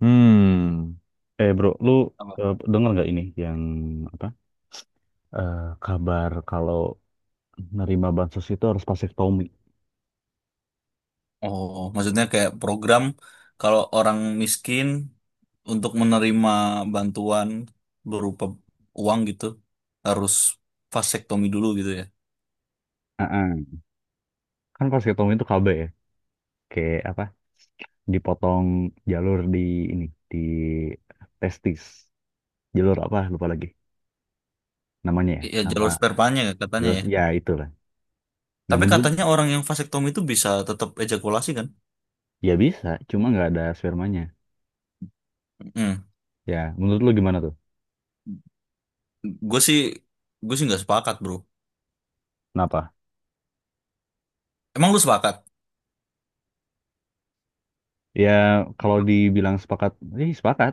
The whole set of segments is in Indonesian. Hmm. Eh bro, lu Apa? Denger nggak ini yang apa? Kabar kalau nerima bansos itu harus vasektomi. Oh, maksudnya kayak program kalau orang miskin untuk menerima bantuan berupa uang gitu harus vasektomi dulu gitu ya. Heeh. Kan vasektomi itu KB, ya, kayak apa? Dipotong jalur ini di testis. Jalur apa? Lupa lagi namanya ya. Ya Nama jalur spermanya katanya jalur ya. ya itulah. Nah, Tapi katanya orang yang vasektomi itu bisa tetap ejakulasi kan? ya bisa, cuma nggak ada spermanya. Hmm. Ya menurut lu gimana tuh? Gue sih gue sih nggak sepakat bro. Kenapa? Emang lu sepakat? Ya kalau dibilang sepakat, sepakat.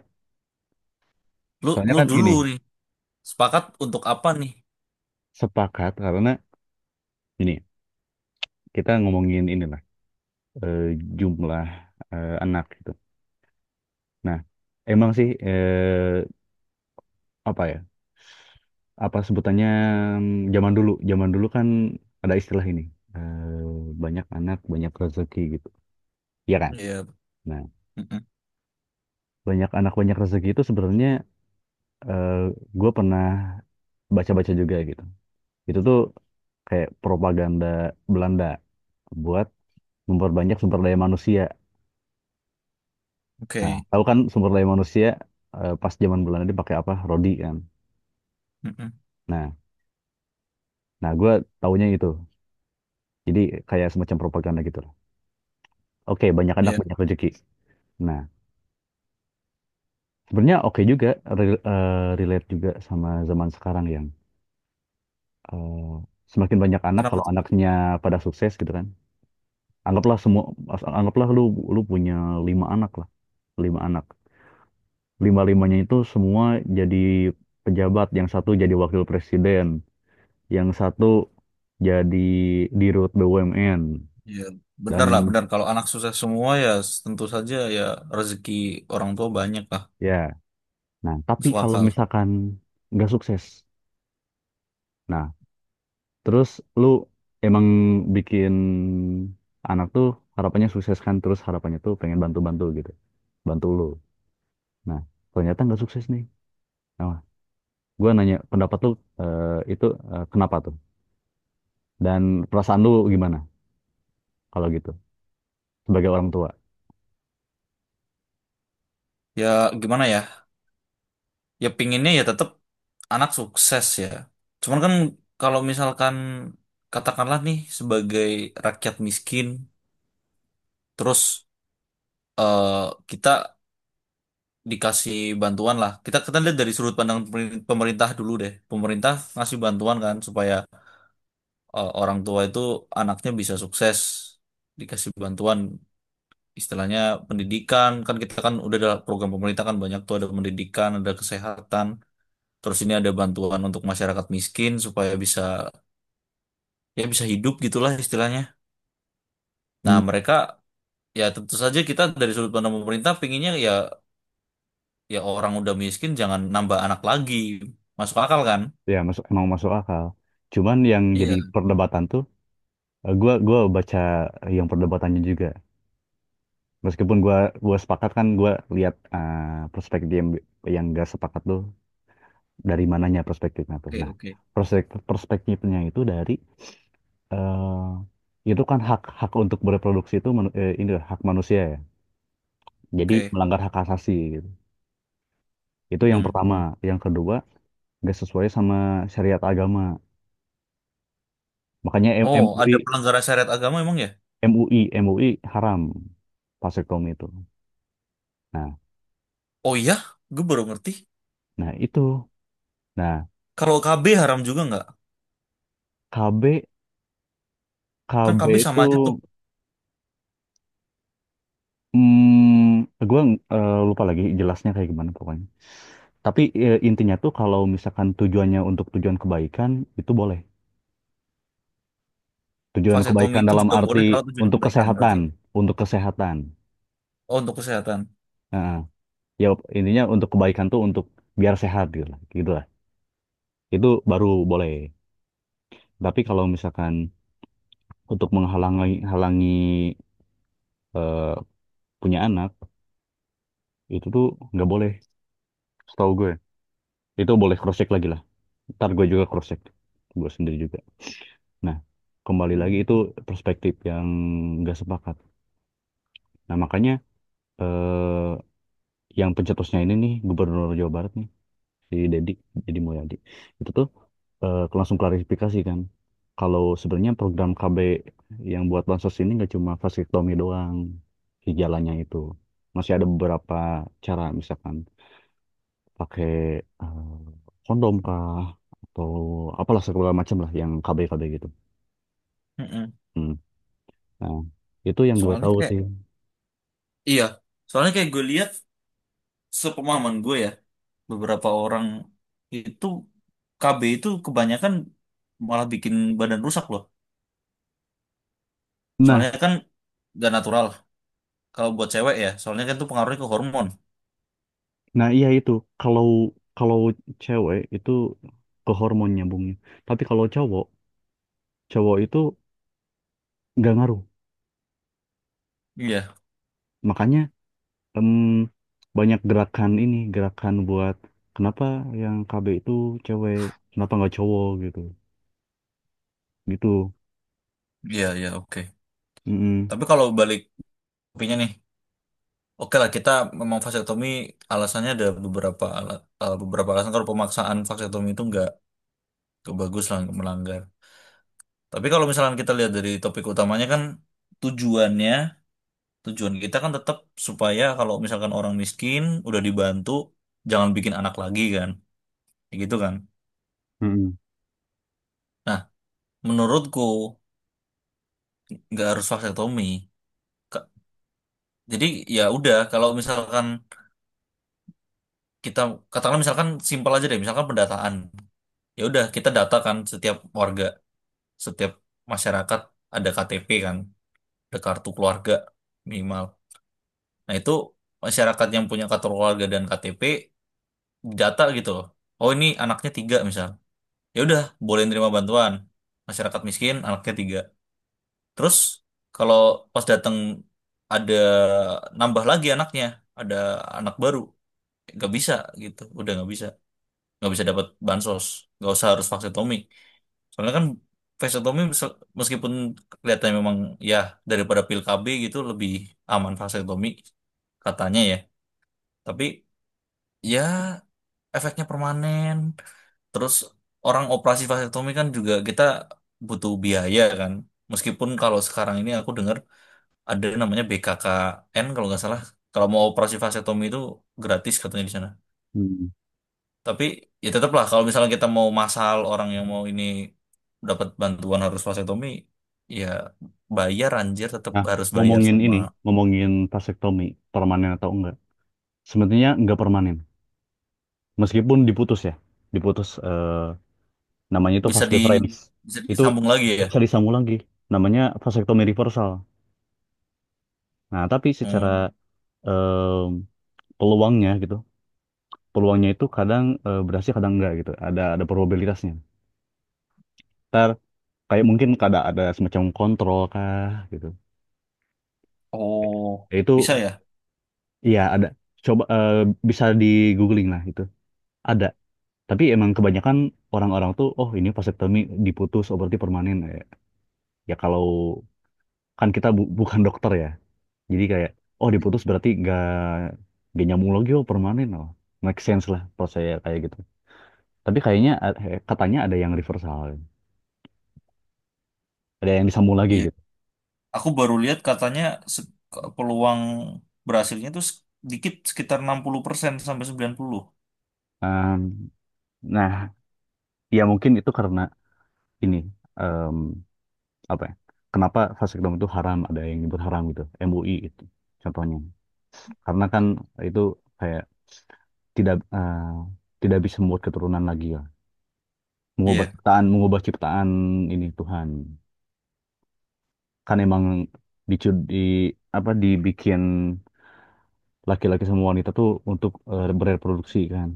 Lu Soalnya lu kan gini, dulu nih. Sepakat untuk apa nih? sepakat karena ini, kita ngomongin inilah, eh, jumlah, anak gitu. Nah, emang sih, apa ya? Apa sebutannya zaman dulu? Zaman dulu kan ada istilah ini. Banyak anak, banyak rezeki gitu. Iya kan? Iya. Nah, Mm-mm. banyak anak, banyak rezeki itu sebenarnya gue pernah baca-baca juga gitu. Itu tuh kayak propaganda Belanda buat memperbanyak sumber daya manusia. Nah, Oke. tahu kan sumber daya manusia pas zaman Belanda dia pakai apa? Rodi kan. Mm-mm. Nah, nah gue taunya itu. Jadi kayak semacam propaganda gitu lah. Oke, banyak anak Iya. banyak rezeki. Nah, sebenarnya oke juga, relate juga sama zaman sekarang yang eh, semakin banyak anak Kenapa? kalau anaknya pada sukses gitu kan. Anggaplah semua, anggaplah lu, punya lima anak lah, lima anak. Lima-limanya itu semua jadi pejabat, yang satu jadi wakil presiden, yang satu jadi dirut BUMN Ya, dan benar lah, benar. Kalau anak susah semua ya tentu saja ya rezeki orang tua banyak lah, ya. Nah, tapi masuk kalau akal. misalkan nggak sukses. Nah, terus lu emang bikin anak tuh harapannya sukses kan, terus harapannya tuh pengen bantu-bantu gitu, bantu lu. Nah, ternyata nggak sukses nih. Nah, gue nanya pendapat lu, eh, itu, kenapa tuh, dan perasaan lu gimana kalau gitu sebagai orang tua. Ya gimana ya? Ya pinginnya ya tetap anak sukses ya. Cuman kan kalau misalkan katakanlah nih sebagai rakyat miskin, terus eh, kita dikasih bantuan lah. Kita kita lihat dari sudut pandang pemerintah dulu deh. Pemerintah ngasih bantuan kan supaya orang tua itu anaknya bisa sukses, dikasih bantuan, istilahnya pendidikan. Kan kita kan udah ada program pemerintah, kan banyak tuh ada pendidikan, ada kesehatan. Terus ini ada bantuan untuk masyarakat miskin supaya bisa, ya bisa hidup gitulah istilahnya. Nah Hmm. mereka, ya tentu saja kita dari sudut pandang pemerintah pinginnya ya orang udah miskin jangan nambah anak lagi, masuk akal kan. Ya masuk, emang masuk akal, cuman yang jadi Iya. perdebatan tuh. Gua baca yang perdebatannya juga. Meskipun gua sepakat, kan gua lihat perspektif yang gak sepakat tuh dari mananya perspektifnya tuh. Oke, Nah, oke. Perspektifnya itu dari, itu kan hak, hak untuk bereproduksi itu, ini hak manusia ya. Jadi Oke. melanggar hak asasi gitu. Itu yang Mm. pertama. Yang kedua, gak sesuai sama syariat agama. Makanya Oh, ada MUI pelanggaran syariat agama emang ya? MUI MUI haram vasektomi itu. Nah, Oh iya, gue baru ngerti. nah itu. Nah, Kalau KB haram juga nggak? KB Kan KB KB itu, sama aja tuh. mm, gue lupa lagi jelasnya kayak gimana pokoknya. Tapi, intinya tuh kalau misalkan tujuannya untuk tujuan kebaikan, itu boleh. Tujuan Vasektomi kebaikan itu dalam juga boleh arti kalau tujuan untuk kebaikan berarti. kesehatan, untuk kesehatan. Oh, untuk kesehatan. Heeh. Ya, intinya untuk kebaikan tuh untuk biar sehat gitu lah, gitu lah. Itu baru boleh. Tapi kalau misalkan untuk menghalangi, halangi eh, punya anak, itu tuh nggak boleh, setahu gue. Itu boleh cross check lagi lah. Ntar gue juga cross check, gue sendiri juga. Nah, kembali lagi Hmm. itu perspektif yang nggak sepakat. Nah, makanya, eh, yang pencetusnya ini nih, Gubernur Jawa Barat nih, si Dedi, Dedi Mulyadi, itu tuh langsung klarifikasi kan, kalau sebenarnya program KB yang buat bansos ini nggak cuma vasektomi doang, si jalannya itu. Masih ada beberapa cara, misalkan pakai, eh, kondom kah, atau apalah segala macam lah yang KB-KB gitu. Mm-mm. Hmm. Nah, itu yang gue Soalnya tahu kayak, sih. iya, soalnya kayak gue lihat sepemahaman gue ya, beberapa orang itu KB itu kebanyakan malah bikin badan rusak loh. Nah, Soalnya kan gak natural kalau buat cewek ya, soalnya kan itu pengaruhnya ke hormon. nah, iya itu. Kalau, kalau cewek itu ke hormon nyambungnya. Tapi kalau cowok, itu nggak ngaruh. Iya, Makanya, em, banyak gerakan ini, gerakan buat, kenapa yang KB itu cewek, kenapa nggak cowok gitu. Gitu. iya, iya, oke. Mm-mm. Tapi kalau balik topiknya nih, oke lah, kita memang vasektomi alasannya ada beberapa beberapa alasan. Kalau pemaksaan vasektomi itu nggak bagus lah, melanggar. Tapi kalau misalkan kita lihat dari topik utamanya kan tujuannya, tujuan kita kan tetap supaya kalau misalkan orang miskin udah dibantu, jangan bikin anak lagi kan, kayak gitu kan. Mm-mm. Nah, menurutku nggak harus vasektomi. Ka- Jadi ya udah kalau misalkan kita katakanlah misalkan simpel aja deh, misalkan pendataan. Ya udah kita data kan setiap warga, setiap masyarakat ada KTP kan, ada kartu keluarga minimal. Nah itu masyarakat yang punya kartu keluarga dan KTP, data gitu loh. Oh ini anaknya tiga misal. Ya udah boleh nerima bantuan. Masyarakat miskin anaknya tiga. Terus kalau pas datang ada nambah lagi anaknya, ada anak baru, nggak bisa gitu. Udah nggak bisa dapat bansos. Nggak usah harus vaksetomi. Soalnya kan vaksetomi meskipun kelihatannya memang ya, daripada pil KB gitu lebih aman vaksetomi katanya ya. Tapi ya efeknya permanen. Terus orang operasi vasektomi kan juga kita butuh biaya kan. Meskipun kalau sekarang ini aku dengar ada namanya BKKN kalau nggak salah. Kalau mau operasi vasektomi itu gratis katanya di sana. Mm-mm. Tapi ya tetaplah kalau misalnya kita mau massal orang yang mau ini dapat bantuan harus vasektomi, ya bayar anjir, tetap Nah, harus bayar ngomongin sama ini, ngomongin vasektomi permanen atau enggak. Sebenarnya nggak permanen. Meskipun diputus ya, diputus. Namanya itu bisa vas di deferens. bisa Itu disambung lagi ya. bisa disambung lagi. Namanya vasektomi reversal. Nah, tapi secara, Hmm. em, peluangnya gitu, peluangnya itu kadang berhasil kadang enggak gitu. Ada probabilitasnya. Ntar kayak mungkin kada ada semacam kontrol kah gitu. Oh, Ya, itu bisa ya? iya ada. Coba, bisa di googling lah itu. Ada. Tapi emang kebanyakan orang-orang tuh, oh ini vasektomi diputus, oh berarti permanen. Ya, ya kalau, kan kita bukan dokter ya. Jadi kayak, oh Hmm. diputus berarti gak nyambung lagi, oh permanen loh. Make sense lah kalau saya kayak gitu. Tapi kayaknya, katanya ada yang reversal, ada yang disambung lagi Iya. gitu. Aku baru lihat katanya se- peluang berhasilnya itu sedikit, sekitar 60% sampai 90. Em, nah, ya mungkin itu karena ini, em, apa ya? Kenapa vasektomi itu haram? Ada yang nyebut haram gitu, MUI itu contohnya. Karena kan itu kayak tidak, tidak bisa membuat keturunan lagi ya. Iya. Mengubah ciptaan ini Tuhan. Kan emang, dicu- di apa dibikin laki-laki sama wanita tuh untuk, bereproduksi kan.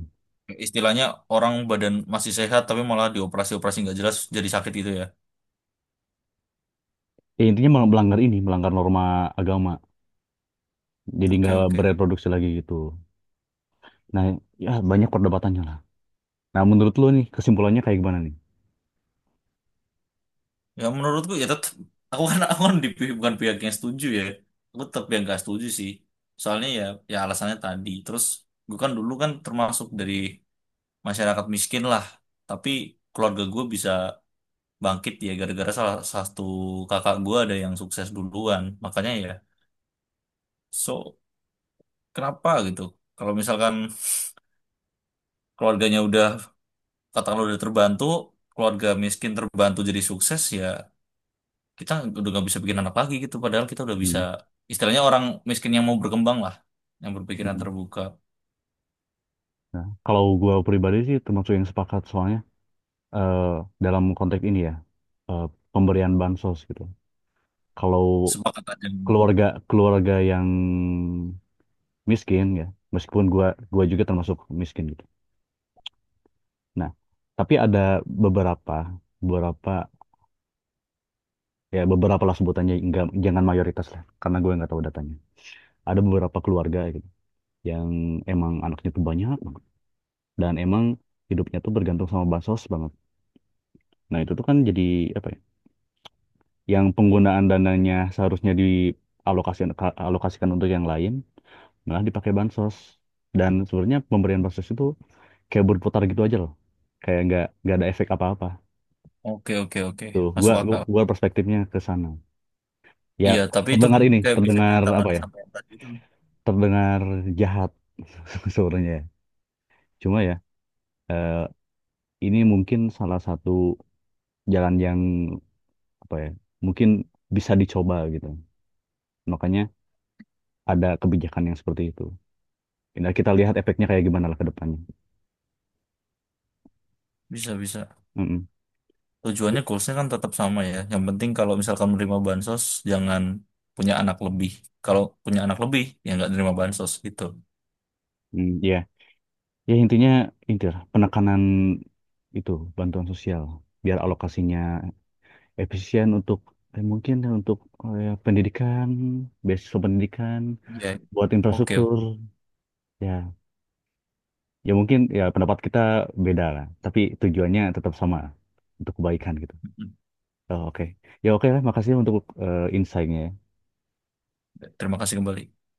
Istilahnya orang badan masih sehat tapi malah dioperasi-operasi nggak jelas jadi sakit gitu ya. Ya, intinya melanggar ini, melanggar norma agama. Jadi Oke, nggak oke. bereproduksi lagi gitu. Nah, ya banyak perdebatannya lah. Nah, menurut lo nih kesimpulannya kayak gimana nih? Ya menurutku ya tetap, aku kan di bukan pihak yang setuju ya. Aku tetap yang nggak setuju sih. Soalnya ya alasannya tadi. Terus gue kan dulu kan termasuk dari masyarakat miskin lah. Tapi keluarga gue bisa bangkit ya gara-gara salah satu kakak gua ada yang sukses duluan, makanya ya, so kenapa gitu kalau misalkan keluarganya udah katakanlah udah terbantu, keluarga miskin terbantu jadi sukses, ya kita udah nggak bisa bikin anak lagi gitu padahal kita udah bisa, Hmm. istilahnya orang miskin yang mau berkembang lah, yang berpikiran Mm-mm. terbuka. Nah, kalau gua pribadi sih termasuk yang sepakat soalnya, eh, dalam konteks ini ya, eh, pemberian bansos gitu. Kalau Sepakat aja. keluarga keluarga yang miskin ya, meskipun gua juga termasuk miskin gitu. Nah, tapi ada beberapa, beberapa, ya beberapa lah sebutannya, enggak, jangan mayoritas lah, karena gue nggak tahu datanya. Ada beberapa keluarga ya gitu, yang emang anaknya tuh banyak banget, dan emang hidupnya tuh bergantung sama bansos banget. Nah, itu tuh kan jadi apa ya? Yang penggunaan dananya seharusnya dialokasikan, untuk yang lain, malah dipakai bansos. Dan sebenarnya pemberian bansos itu kayak berputar gitu aja loh, kayak nggak ada efek apa-apa. Oke, oke, oke. Tuh, Masuk akal. gua perspektifnya ke sana. Ya, Iya, tapi itu terdengar pun ini, kayak bisa terdengar apa ditangani ya? sampai yang tadi itu. Terdengar jahat sebenarnya. Ya. Cuma ya, eh, ini mungkin salah satu jalan yang apa ya? Mungkin bisa dicoba gitu. Makanya ada kebijakan yang seperti itu. Nah, kita lihat efeknya kayak gimana lah ke depannya. Bisa, bisa. Mm-mm. Tujuannya goalsnya kan tetap sama ya. Yang penting kalau misalkan menerima bansos, jangan punya anak lebih. Kalau punya anak lebih, ya nggak nerima bansos gitu. Mm, iya. Ya intinya itu lah, penekanan itu bantuan sosial biar alokasinya efisien untuk, mungkin untuk, ya, pendidikan, beasiswa pendidikan, Ya. buat Oke, infrastruktur. oke. Ya, ya mungkin ya pendapat kita beda lah, tapi tujuannya tetap sama untuk kebaikan gitu. Hmm. Oh, oke, ya oke lah, makasih untuk, insight-nya. Terima kasih kembali.